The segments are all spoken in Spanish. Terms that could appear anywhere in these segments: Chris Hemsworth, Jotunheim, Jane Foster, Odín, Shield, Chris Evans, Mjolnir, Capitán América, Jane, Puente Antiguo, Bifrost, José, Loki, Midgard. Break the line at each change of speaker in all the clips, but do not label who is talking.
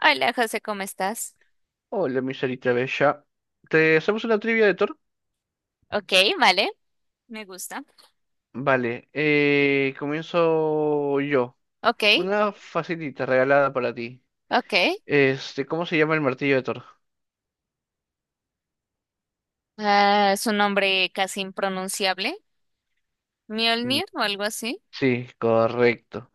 Hola, José, ¿cómo estás?
Hola, mi Sarita Bella. ¿Te hacemos una trivia de Thor?
Ok, vale, me gusta.
Vale, comienzo yo.
Ok,
Una facilita regalada para ti.
ok.
Este, ¿cómo se llama el martillo de Thor?
Ah, es un nombre casi impronunciable.
Mm,
Mjolnir o algo así.
sí, correcto.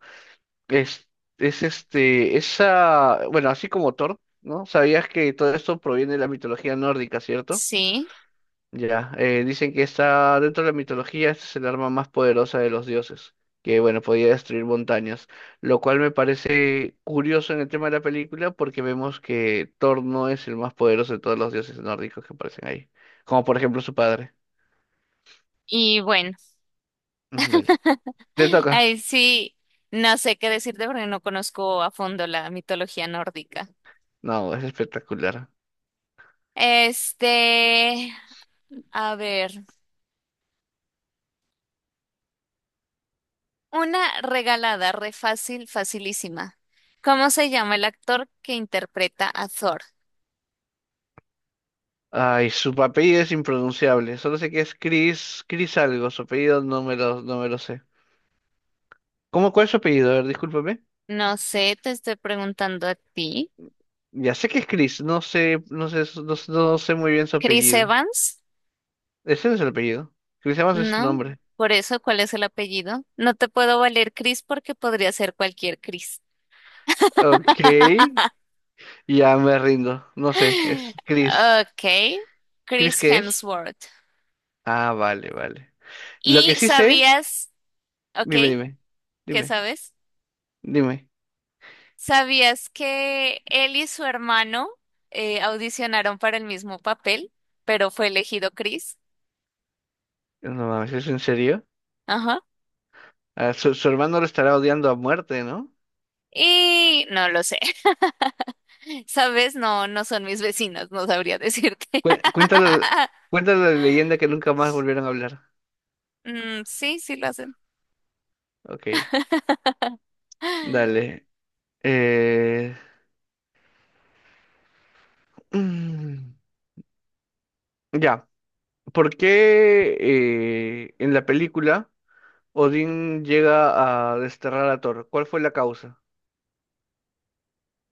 Es, es este, esa, bueno, así como Thor, ¿no? ¿Sabías que todo esto proviene de la mitología nórdica, cierto?
Sí,
Ya, dicen que está dentro de la mitología, esta es el arma más poderosa de los dioses, que bueno, podía destruir montañas, lo cual me parece curioso en el tema de la película porque vemos que Thor no es el más poderoso de todos los dioses nórdicos que aparecen ahí, como por ejemplo su padre.
y bueno,
Ujú, dale. ¿Te toca?
ahí sí, no sé qué decirte porque no conozco a fondo la mitología nórdica.
No, es espectacular.
Este, a ver, una regalada, re fácil, facilísima. ¿Cómo se llama el actor que interpreta a Thor?
Ay, su apellido es impronunciable, solo sé que es Chris, Chris algo, su apellido no me lo sé. ¿Cómo, cuál es su apellido? A ver, discúlpame.
No sé, te estoy preguntando a ti.
Ya sé que es Chris, no sé, no sé, no, no sé muy bien su
Chris
apellido.
Evans,
Ese no es el apellido. Chris Evans es su
¿no?
nombre.
Por eso, ¿cuál es el apellido? No te puedo valer Chris porque podría ser cualquier Chris.
Ok, ya me rindo. No sé, es Chris.
Ok,
¿Chris
Chris
qué es?
Hemsworth.
Ah, vale, vale. Lo que
¿Y
sí sé,
sabías, ok,
dime, dime,
qué
dime,
sabes?
dime.
¿Sabías que él y su hermano audicionaron para el mismo papel, pero fue elegido Chris?
No mames, ¿es en serio?
Ajá.
Ah, su hermano lo estará odiando a muerte, ¿no?
Y no lo sé. ¿Sabes? No, no son mis vecinos, no sabría decirte.
Cuéntale, cuéntale la leyenda que nunca más volvieron a hablar.
Mm, sí, sí lo hacen.
Ok, dale. Eh... mm, Ya. ¿Por qué en la película Odín llega a desterrar a Thor? ¿Cuál fue la causa?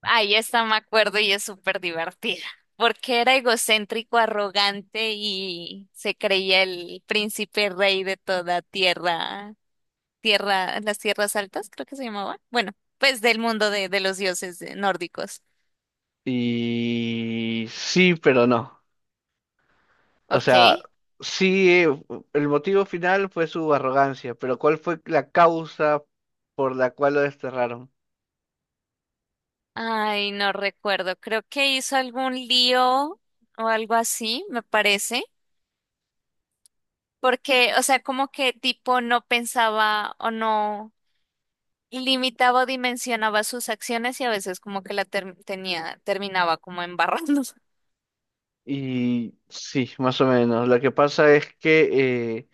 Ahí está, me acuerdo, y es súper divertida, porque era egocéntrico, arrogante y se creía el príncipe rey de toda tierra, tierra, las tierras altas, creo que se llamaba. Bueno, pues del mundo de los dioses nórdicos.
Y sí, pero no. O
Ok.
sea, sí, el motivo final fue su arrogancia, pero ¿cuál fue la causa por la cual lo desterraron?
Ay, no recuerdo, creo que hizo algún lío o algo así, me parece, porque, o sea, como que tipo no pensaba o no. Limitaba o dimensionaba sus acciones y a veces como que la tenía, terminaba como embarrando.
Y sí, más o menos. Lo que pasa es que,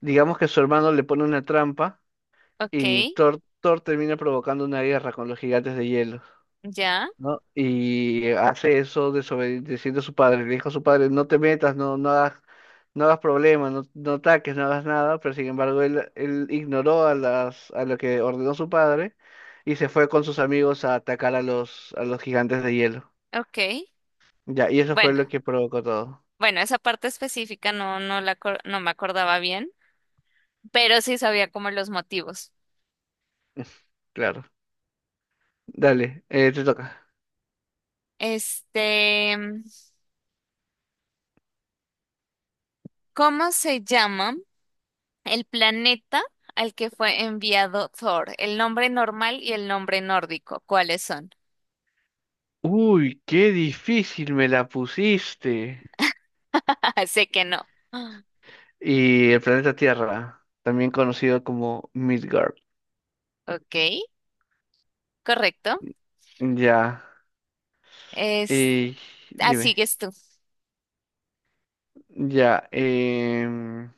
digamos que su hermano le pone una trampa
Ok,
y Thor termina provocando una guerra con los gigantes de hielo.
ya,
¿No? Y hace eso desobedeciendo a su padre. Le dijo a su padre, no te metas, no, no hagas problemas, no, no ataques, no hagas nada. Pero sin embargo, él ignoró a a lo que ordenó su padre y se fue con sus amigos a atacar a a los gigantes de hielo.
ok.
Ya, y eso fue
Bueno,
lo que provocó todo.
bueno, esa parte específica no, no la, no me acordaba bien, pero sí sabía como los motivos.
Claro. Dale, te toca.
Este, ¿cómo se llama el planeta al que fue enviado Thor? El nombre normal y el nombre nórdico, ¿cuáles son?
Uy, qué difícil me la pusiste.
Sé que no.
Y el planeta Tierra, también conocido como Midgard.
Ok, correcto.
Ya.
Es,
Eh,
así
dime,
que tú.
ya.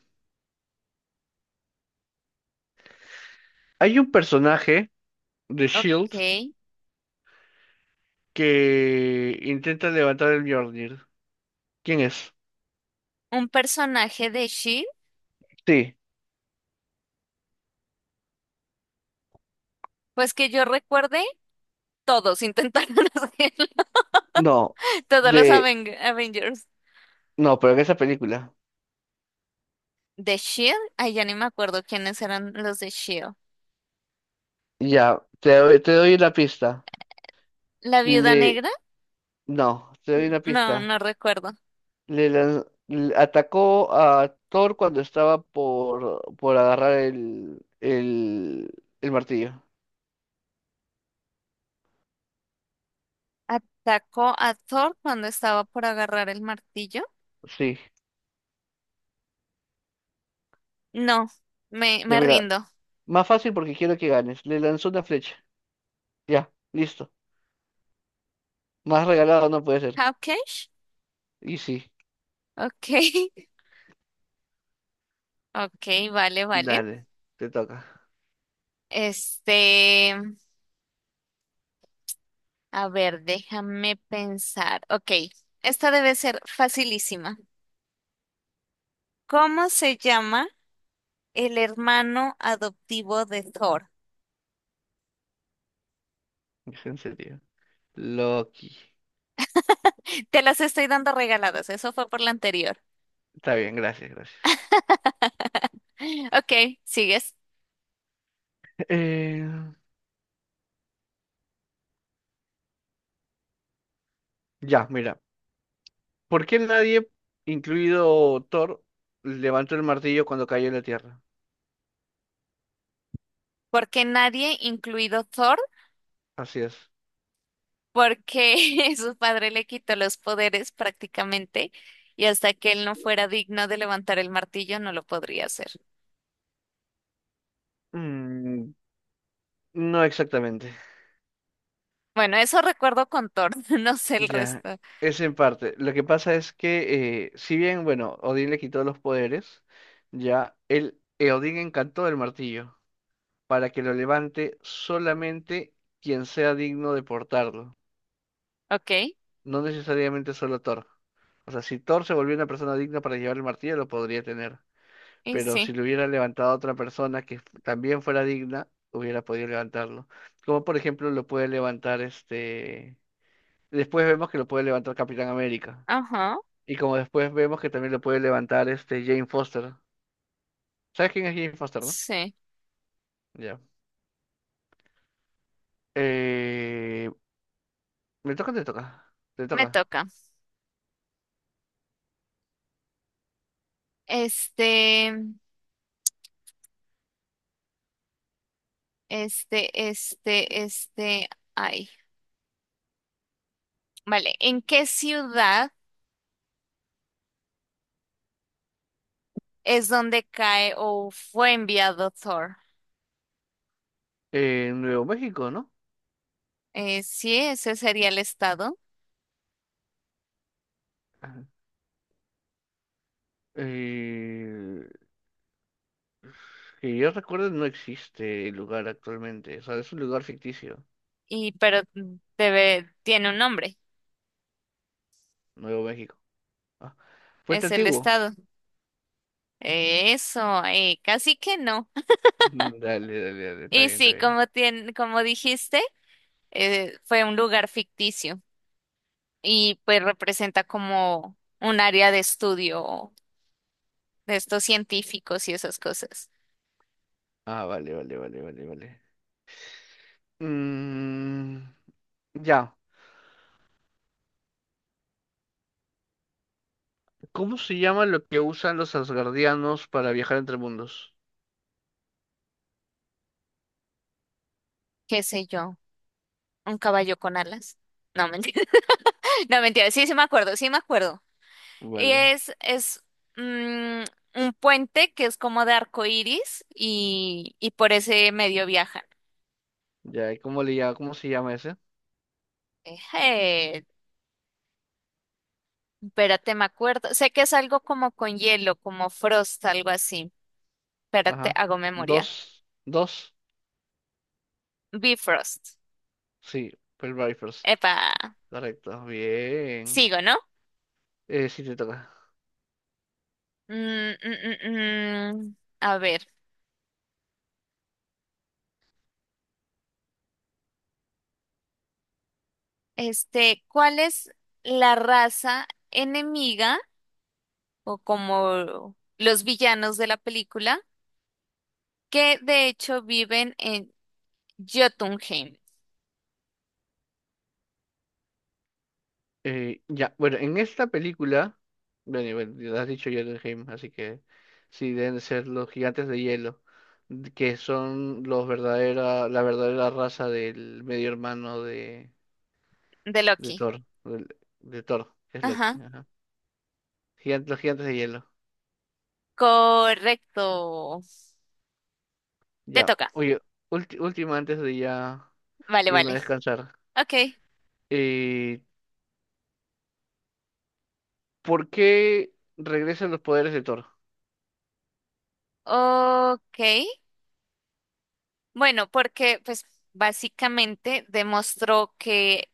Hay un personaje de Shield
Ok.
que intenta levantar el Mjolnir. ¿Quién es?
Un personaje de Shield.
Sí,
Pues que yo recuerde, todos intentaron hacerlo.
no,
Todos los
de,
Avengers.
no, pero en esa película.
¿De Shield? Ay, ya ni me acuerdo quiénes eran los de Shield.
Ya, te doy una pista.
¿La Viuda
Le,
Negra?
no, te doy una
No,
pista.
no recuerdo.
Le, le atacó a Thor cuando estaba por agarrar el martillo.
¿Atacó a Thor cuando estaba por agarrar el martillo?
Sí,
No, me,
ya
me
mira,
rindo.
más fácil porque quiero que ganes. Le lanzó una flecha. Ya, listo. Más regalado no puede ser.
¿Hawkeye?
Y sí,
Ok. Ok, vale, vale.
dale, te toca.
Este, a ver, déjame pensar. Ok, esta debe ser facilísima. ¿Cómo se llama el hermano adoptivo de Thor?
¿Es en serio? Loki.
Te las estoy dando regaladas, eso fue por la anterior.
Está bien, gracias, gracias.
Ok, sigues.
Eh, ya, mira. ¿Por qué nadie, incluido Thor, levantó el martillo cuando cayó en la tierra?
Porque nadie, incluido Thor,
Así es.
porque su padre le quitó los poderes prácticamente y hasta que él no fuera digno de levantar el martillo no lo podría hacer.
Mm, no exactamente.
Bueno, eso recuerdo con Thor, no sé el
Ya,
resto.
es en parte. Lo que pasa es que, si bien, bueno, Odín le quitó los poderes, ya, él, Odín encantó el martillo para que lo levante solamente quien sea digno de portarlo,
Ok,
no necesariamente solo Thor. O sea, si Thor se volvió una persona digna para llevar el martillo, lo podría tener,
y
pero si
sí,
lo hubiera levantado otra persona que también fuera digna, hubiera podido levantarlo. Como por ejemplo lo puede levantar este... Después vemos que lo puede levantar Capitán América.
ajá,
Y como después vemos que también lo puede levantar este Jane Foster. ¿Sabes quién es Jane Foster, no?
sí,
Ya. Eh... ¿Me toca o te toca? Te
me
toca.
toca. Este. Este, este, este, ay. Vale, ¿en qué ciudad es donde cae o fue enviado Thor?
En Nuevo México, ¿no?
Sí, ese sería el estado,
Eh, que yo recuerdo no existe el lugar actualmente, o sea, es un lugar ficticio,
y pero debe, tiene un nombre,
Nuevo México. Ah, Puente
es el
Antiguo.
estado. Eso, casi que no.
Mm, dale, dale, dale, está
Y
bien, está
sí,
bien.
como como dijiste, fue un lugar ficticio y pues representa como un área de estudio de estos científicos y esas cosas.
Ah, vale, vale, vale, vale, vale. Mm, ya, ¿cómo se llama lo que usan los asgardianos para viajar entre mundos?
¿Qué sé yo? Un caballo con alas. No, mentira. No, mentira. Sí, sí me acuerdo, sí me acuerdo. Y
Vale,
es mm, un puente que es como de arco iris y por ese medio viajan.
ya, ¿y cómo le llama, cómo se llama ese?
Eh, espérate, me acuerdo. Sé que es algo como con hielo, como frost, algo así. Espérate,
Ajá.
hago memoria.
Dos, dos,
Bifrost.
sí, Pearl First.
Epa,
Correcto, bien.
sigo, ¿no?
Sí, te toca.
Mm, mm, mm. A ver, este, ¿cuál es la raza enemiga? O como los villanos de la película, que de hecho viven en Jotunheim,
Ya, bueno, en esta película, bueno, y bueno, ya has dicho Jotunheim, así que sí, deben ser los gigantes de hielo, que son los verdadera, la verdadera raza del medio hermano
de
de
Loki.
Thor, Thor, que es Loki.
Ajá,
Ajá. Los gigantes de hielo.
correcto. Te
Ya,
toca.
oye, última antes de ya
Vale,
irme a
vale.
descansar.
Ok,
Eh, ¿Por qué regresan los poderes de Thor?
ok. Bueno, porque pues básicamente demostró que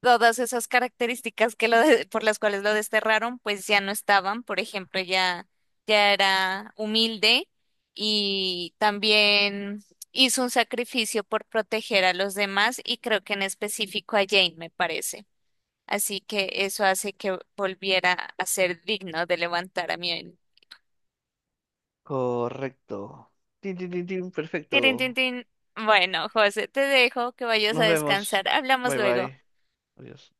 todas esas características que por las cuales lo desterraron, pues ya no estaban. Por ejemplo, ya, ya era humilde y también hizo un sacrificio por proteger a los demás y creo que en específico a Jane, me parece. Así que eso hace que volviera a ser digno de levantar a Mjolnir.
Correcto. Tin, tin, tin, tin,
Tirin, tin,
perfecto.
tin. Bueno, José, te dejo que vayas a
Nos vemos.
descansar. Hablamos
Bye
luego.
bye. Adiós.